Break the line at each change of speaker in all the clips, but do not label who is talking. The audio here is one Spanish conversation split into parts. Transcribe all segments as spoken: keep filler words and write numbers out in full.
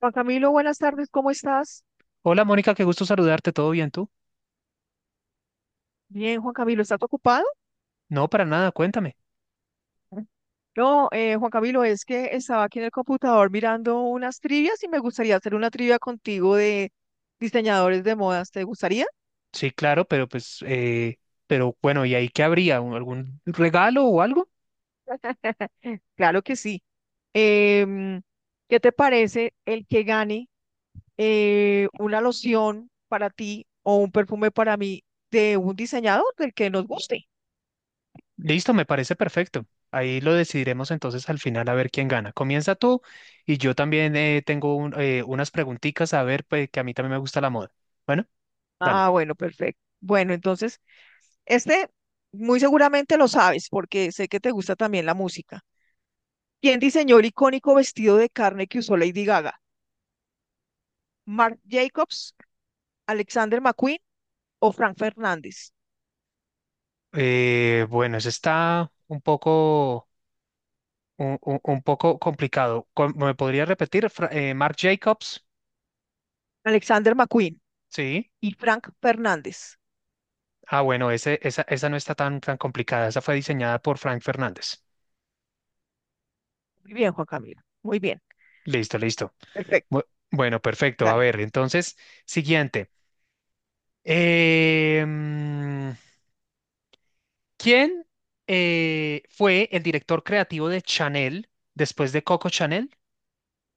Juan Camilo, buenas tardes, ¿cómo estás?
Hola Mónica, qué gusto saludarte, ¿todo bien tú?
Bien, Juan Camilo, ¿estás ocupado?
No, para nada, cuéntame.
No, eh, Juan Camilo, es que estaba aquí en el computador mirando unas trivias y me gustaría hacer una trivia contigo de diseñadores de modas. ¿Te gustaría?
Sí, claro, pero pues, eh, pero bueno, ¿y ahí qué habría? ¿Un- ¿Algún regalo o algo?
Claro que sí. Em, ¿Qué te parece el que gane eh, una loción para ti o un perfume para mí de un diseñador del que nos guste?
Listo, me parece perfecto. Ahí lo decidiremos entonces al final a ver quién gana. Comienza tú y yo también eh, tengo un- eh, unas preguntitas a ver, pues, que a mí también me gusta la moda. Bueno, dale.
Ah, bueno, perfecto. Bueno, entonces, Este, muy seguramente lo sabes, porque sé que te gusta también la música. ¿Quién diseñó el icónico vestido de carne que usó Lady Gaga? ¿Marc Jacobs, Alexander McQueen o Frank Fernández?
Eh, bueno, eso está un poco, un, un- un poco complicado. Com- ¿Me podría repetir? Fra- eh, Marc Jacobs,
Alexander McQueen
sí.
y Frank Fernández.
Ah, bueno, ese, esa, esa no está tan, tan complicada. Esa fue diseñada por Frank Fernández.
Muy bien, Juan Camilo. Muy bien.
Listo, listo.
Perfecto.
Bu- Bueno, perfecto. A
Dale.
ver, entonces, siguiente. Eh, mm, ¿quién eh, fue el director creativo de Chanel después de Coco Chanel?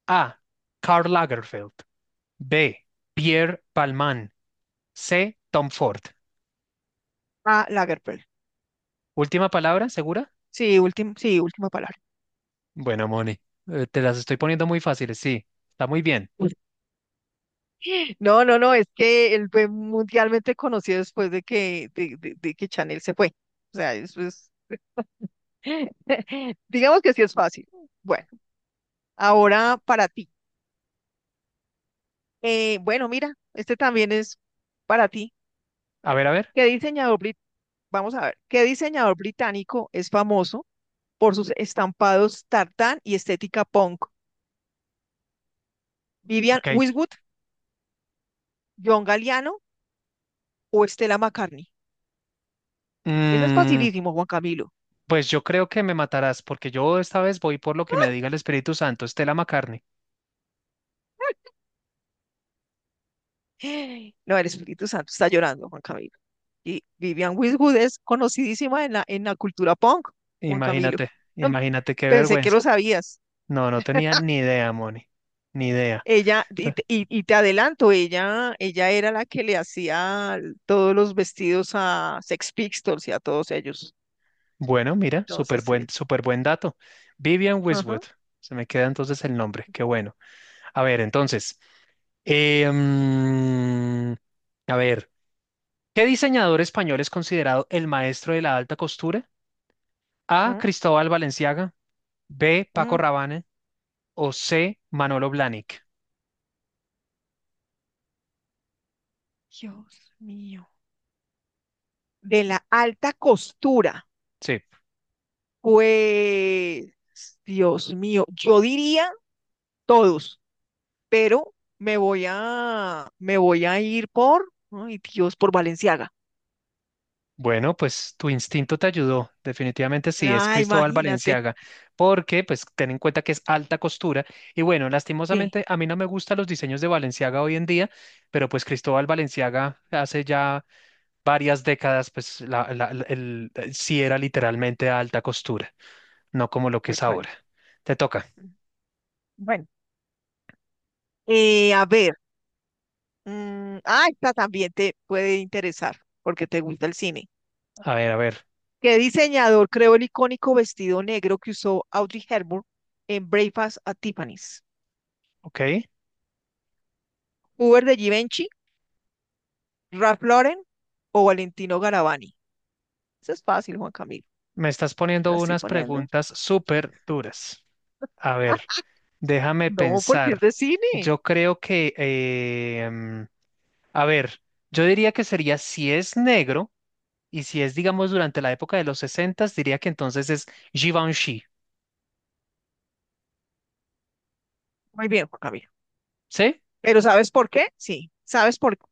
A. Karl Lagerfeld. B. Pierre Palman. C. Tom Ford.
A Lagerfeld.
Última palabra, ¿segura?
Sí, último, sí, última palabra.
Bueno, Moni, eh, te las estoy poniendo muy fáciles, sí. Está muy bien.
No, no, no, es que él fue mundialmente conocido después de que, de, de- de que Chanel se fue. O sea, eso es, digamos que sí es fácil. Bueno, ahora para ti. Eh, bueno, mira, este también es para ti.
A ver, a ver.
¿Qué diseñador brit- vamos a ver, qué diseñador británico es famoso por sus estampados tartán y estética punk? ¿Vivian
Ok.
Westwood, John Galliano o Stella McCartney? Esa es
Mm,
facilísimo, Juan Camilo.
pues yo creo que me matarás, porque yo esta vez voy por lo que me diga el Espíritu Santo, Estela McCartney.
No, el Espíritu Santo está llorando, Juan Camilo. Y Vivian Westwood es conocidísima en la, en la cultura punk, Juan Camilo.
Imagínate, imagínate qué
Pensé que lo
vergüenza.
sabías.
No, no tenía ni idea, Moni. Ni idea.
Ella, y, te y- y te adelanto, ella, ella era la que le hacía todos los vestidos a Sex Pistols y a todos ellos.
Bueno, mira, súper
Entonces,
buen,
eh,
súper buen dato. Vivian
ajá,
Westwood, se me queda entonces el nombre, qué bueno. A ver, entonces, eh, mm, a ver, ¿qué diseñador español es considerado el maestro de la alta costura? A.
mm,
Cristóbal Valenciaga, B.
mm,
Paco Rabanne o C. Manolo Blahnik.
Dios mío. De la alta costura,
Sí,
pues, Dios mío, yo diría todos, pero me voy a, me voy a ir por, ay Dios, por Valenciaga.
bueno, pues tu instinto te ayudó, definitivamente sí, es
Ah,
Cristóbal
imagínate.
Balenciaga, porque pues ten en cuenta que es alta costura y bueno,
Sí,
lastimosamente a mí no me gustan los diseños de Balenciaga hoy en día, pero pues Cristóbal Balenciaga hace ya varias décadas pues la, la- la- el- eh, sí era literalmente alta costura, no como lo que
tal
es
cual.
ahora. Te toca,
Bueno, eh, a ver. Mm, ah, esta también te puede interesar porque te gusta el cine.
a ver, a ver,
¿Qué diseñador creó el icónico vestido negro que usó Audrey Hepburn en Breakfast at Tiffany's?
ok,
¿Hubert de Givenchy, Ralph Lauren o Valentino Garavani? Eso es fácil, Juan Camilo.
me estás
Te
poniendo
la estoy
unas
poniendo.
preguntas súper duras. A ver. Déjame
No, porque es
pensar.
de cine.
Yo creo que, eh, mm, a ver, yo diría que sería si es negro y si es, digamos, durante la época de los sesenta, diría que entonces es Givenchy.
Muy bien, Juan Camilo.
¿Sí?
Pero ¿sabes por qué? Sí, ¿sabes por qué?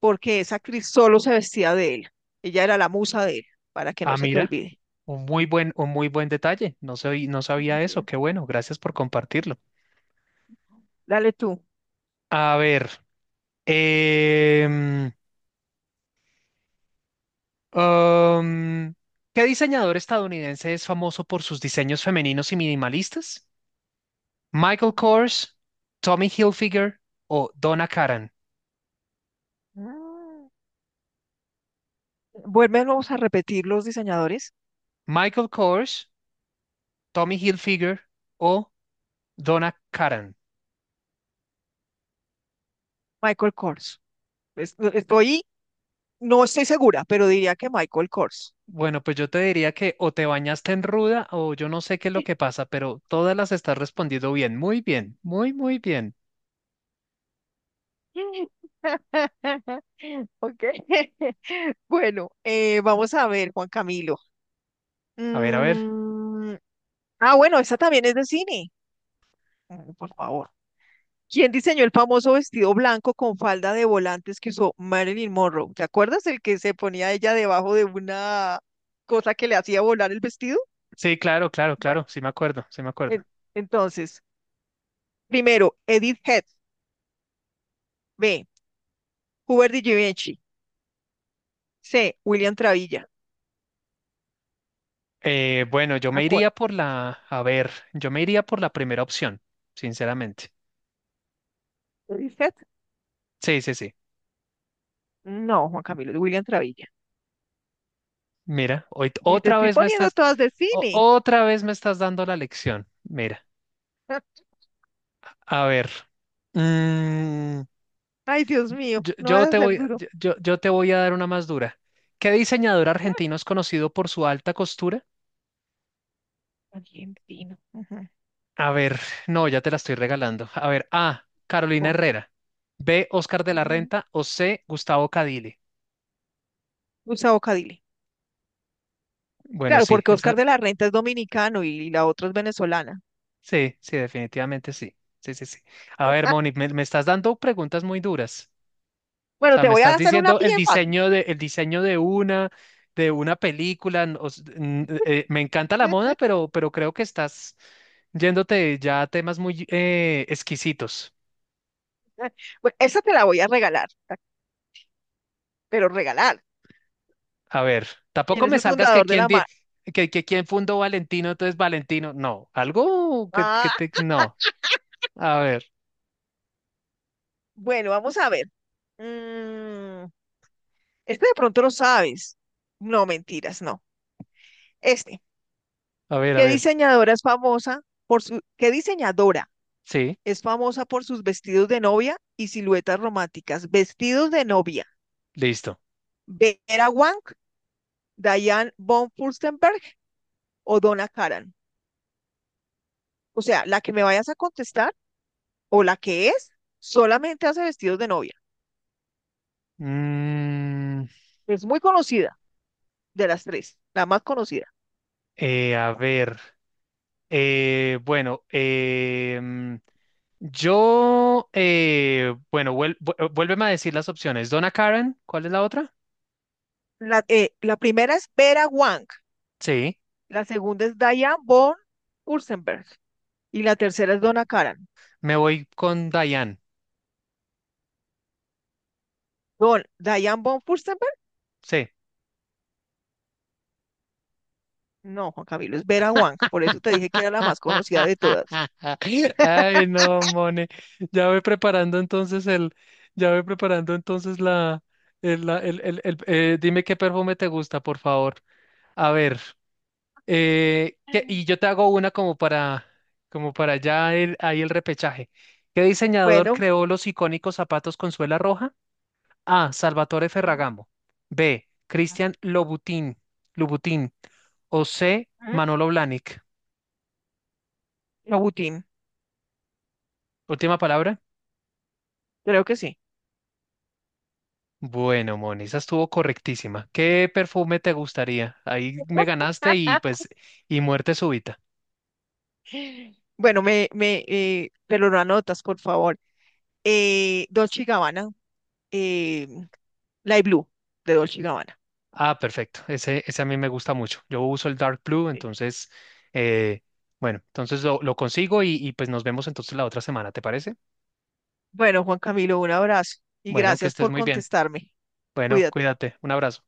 Porque esa actriz solo se vestía de él. Ella era la musa de él, para que no
Ah,
se te
mira,
olvide.
un muy buen, un muy buen detalle. No soy, no sabía
Así
eso.
es.
Qué bueno, gracias por compartirlo.
Dale tú.
A ver, em, um, ¿qué diseñador estadounidense es famoso por sus diseños femeninos y minimalistas? Michael Kors, Tommy Hilfiger o Donna Karan.
Ah, vuélvenos a repetir los diseñadores.
Michael Kors, Tommy Hilfiger o Donna Karan.
Michael Kors. Es- no, Estoy, no estoy segura, pero diría que Michael Kors.
Bueno, pues yo te diría que o te bañaste en ruda o yo no sé qué es lo que pasa, pero todas las estás respondiendo bien, muy bien, muy, muy bien.
Ok. Bueno, eh, vamos a ver, Juan Camilo.
A ver, a ver.
Mm, ah, bueno, esta también es de cine. Mm, Por favor. ¿Quién diseñó el famoso vestido blanco con falda de volantes que usó Marilyn Monroe? ¿Te acuerdas el que se ponía ella debajo de una cosa que le hacía volar el vestido?
Sí, claro, claro, claro,
Bueno,
sí me acuerdo, sí me acuerdo.
en- entonces, primero, Edith Head. B. Hubert de Givenchy. C. William Travilla.
Eh, bueno, yo me
Acu-
iría por la, a ver, yo me iría por la primera opción, sinceramente.
¿Edith Head?
Sí, sí, sí.
No, Juan Camilo, es William Travilla.
Mira, hoy t-
Y te
otra
estoy
vez me
poniendo
estás,
todas de
o-
cine.
otra vez me estás dando la lección. Mira, a ver, mm,
Ay, Dios mío,
yo,
no
yo
vas a
te
ser
voy,
duro.
yo, yo- yo te voy a dar una más dura. ¿Qué diseñador argentino es conocido por su alta costura?
Mm, Argentino. Ujú.
A ver, no, ya te la estoy regalando. A ver, A, Carolina
Bueno,
Herrera, B, Oscar de la
ujú.
Renta o C, Gustavo Cadile.
Usa bocadile.
Bueno,
Claro,
sí,
porque
esa,
Oscar de la Renta es dominicano y, y la otra es venezolana.
sí, sí, definitivamente sí. Sí, sí, sí. A ver, Moni, me, me estás dando preguntas muy duras. O
Bueno,
sea,
te
me
voy a
estás
hacer una
diciendo el
bien fácil.
diseño de, el diseño de una, de una película. n- o s- n- eh, eh, me encanta la moda, pero, pero creo que estás yéndote ya a temas muy eh, exquisitos.
Bueno, esa te la voy a regalar, pero regalar.
A ver, tampoco
¿Quién es
me
el
salgas que
fundador de
quién
la
di-
marca?
que, que quién fundó Valentino, entonces Valentino. No, algo que, que
Ah,
te, no. A ver,
bueno, vamos a ver. Mm, este de pronto lo sabes. No, mentiras, no. Este,
a ver, a
¿Qué
ver.
diseñadora es famosa por su, qué diseñadora
Sí,
es famosa por sus vestidos de novia y siluetas románticas? Vestidos de novia.
listo.
Vera Wang, Diane von Furstenberg o Donna Karan. O sea, la que me vayas a contestar o la que es, solamente hace vestidos de novia.
Mm,
Es muy conocida de las tres, la más conocida.
eh, a ver. Eh, bueno, em, yo, eh, bueno, vuel- vu- eh, vuélveme a decir las opciones. Donna Karen, ¿cuál es la otra?
La, eh, la primera es Vera Wang,
Sí.
la segunda es Diane von Furstenberg y la tercera es Donna Karan.
Me voy con Diane.
Don, Diane von Furstenberg,
Sí.
no, Juan Camilo, es Vera Wang, por eso te dije que era la más conocida de todas.
Ay, no, Mone. Ya voy preparando entonces el, ya voy preparando entonces la, el, la- el, el- el- eh, dime qué perfume te gusta, por favor. A ver, eh, ¿qué- y yo te hago una como para, como para ya el, ahí el repechaje. ¿Qué diseñador
Bueno,
creó los icónicos zapatos con suela roja? A. Salvatore Ferragamo. B. Cristian Lobutín. Lobutín. O C. Manolo Blahnik.
Abutín,
Última palabra.
creo que sí.
Bueno, Moni, esa estuvo correctísima. ¿Qué perfume te gustaría? Ahí me ganaste y pues, y muerte súbita.
Bueno, me, me, eh, pero lo anotas, por favor. eh, Dolce y Gabbana, eh, Blue de Dolce y Gabbana.
Ah, perfecto. Ese, ese a mí me gusta mucho. Yo uso el Dark Blue,
Ok.
entonces, eh, bueno, entonces lo, lo consigo y, y pues nos vemos entonces la otra semana, ¿te parece?
Bueno, Juan Camilo, un abrazo y
Bueno, que
gracias
estés
por
muy bien.
contestarme.
Bueno,
Cuídate.
cuídate. Un abrazo.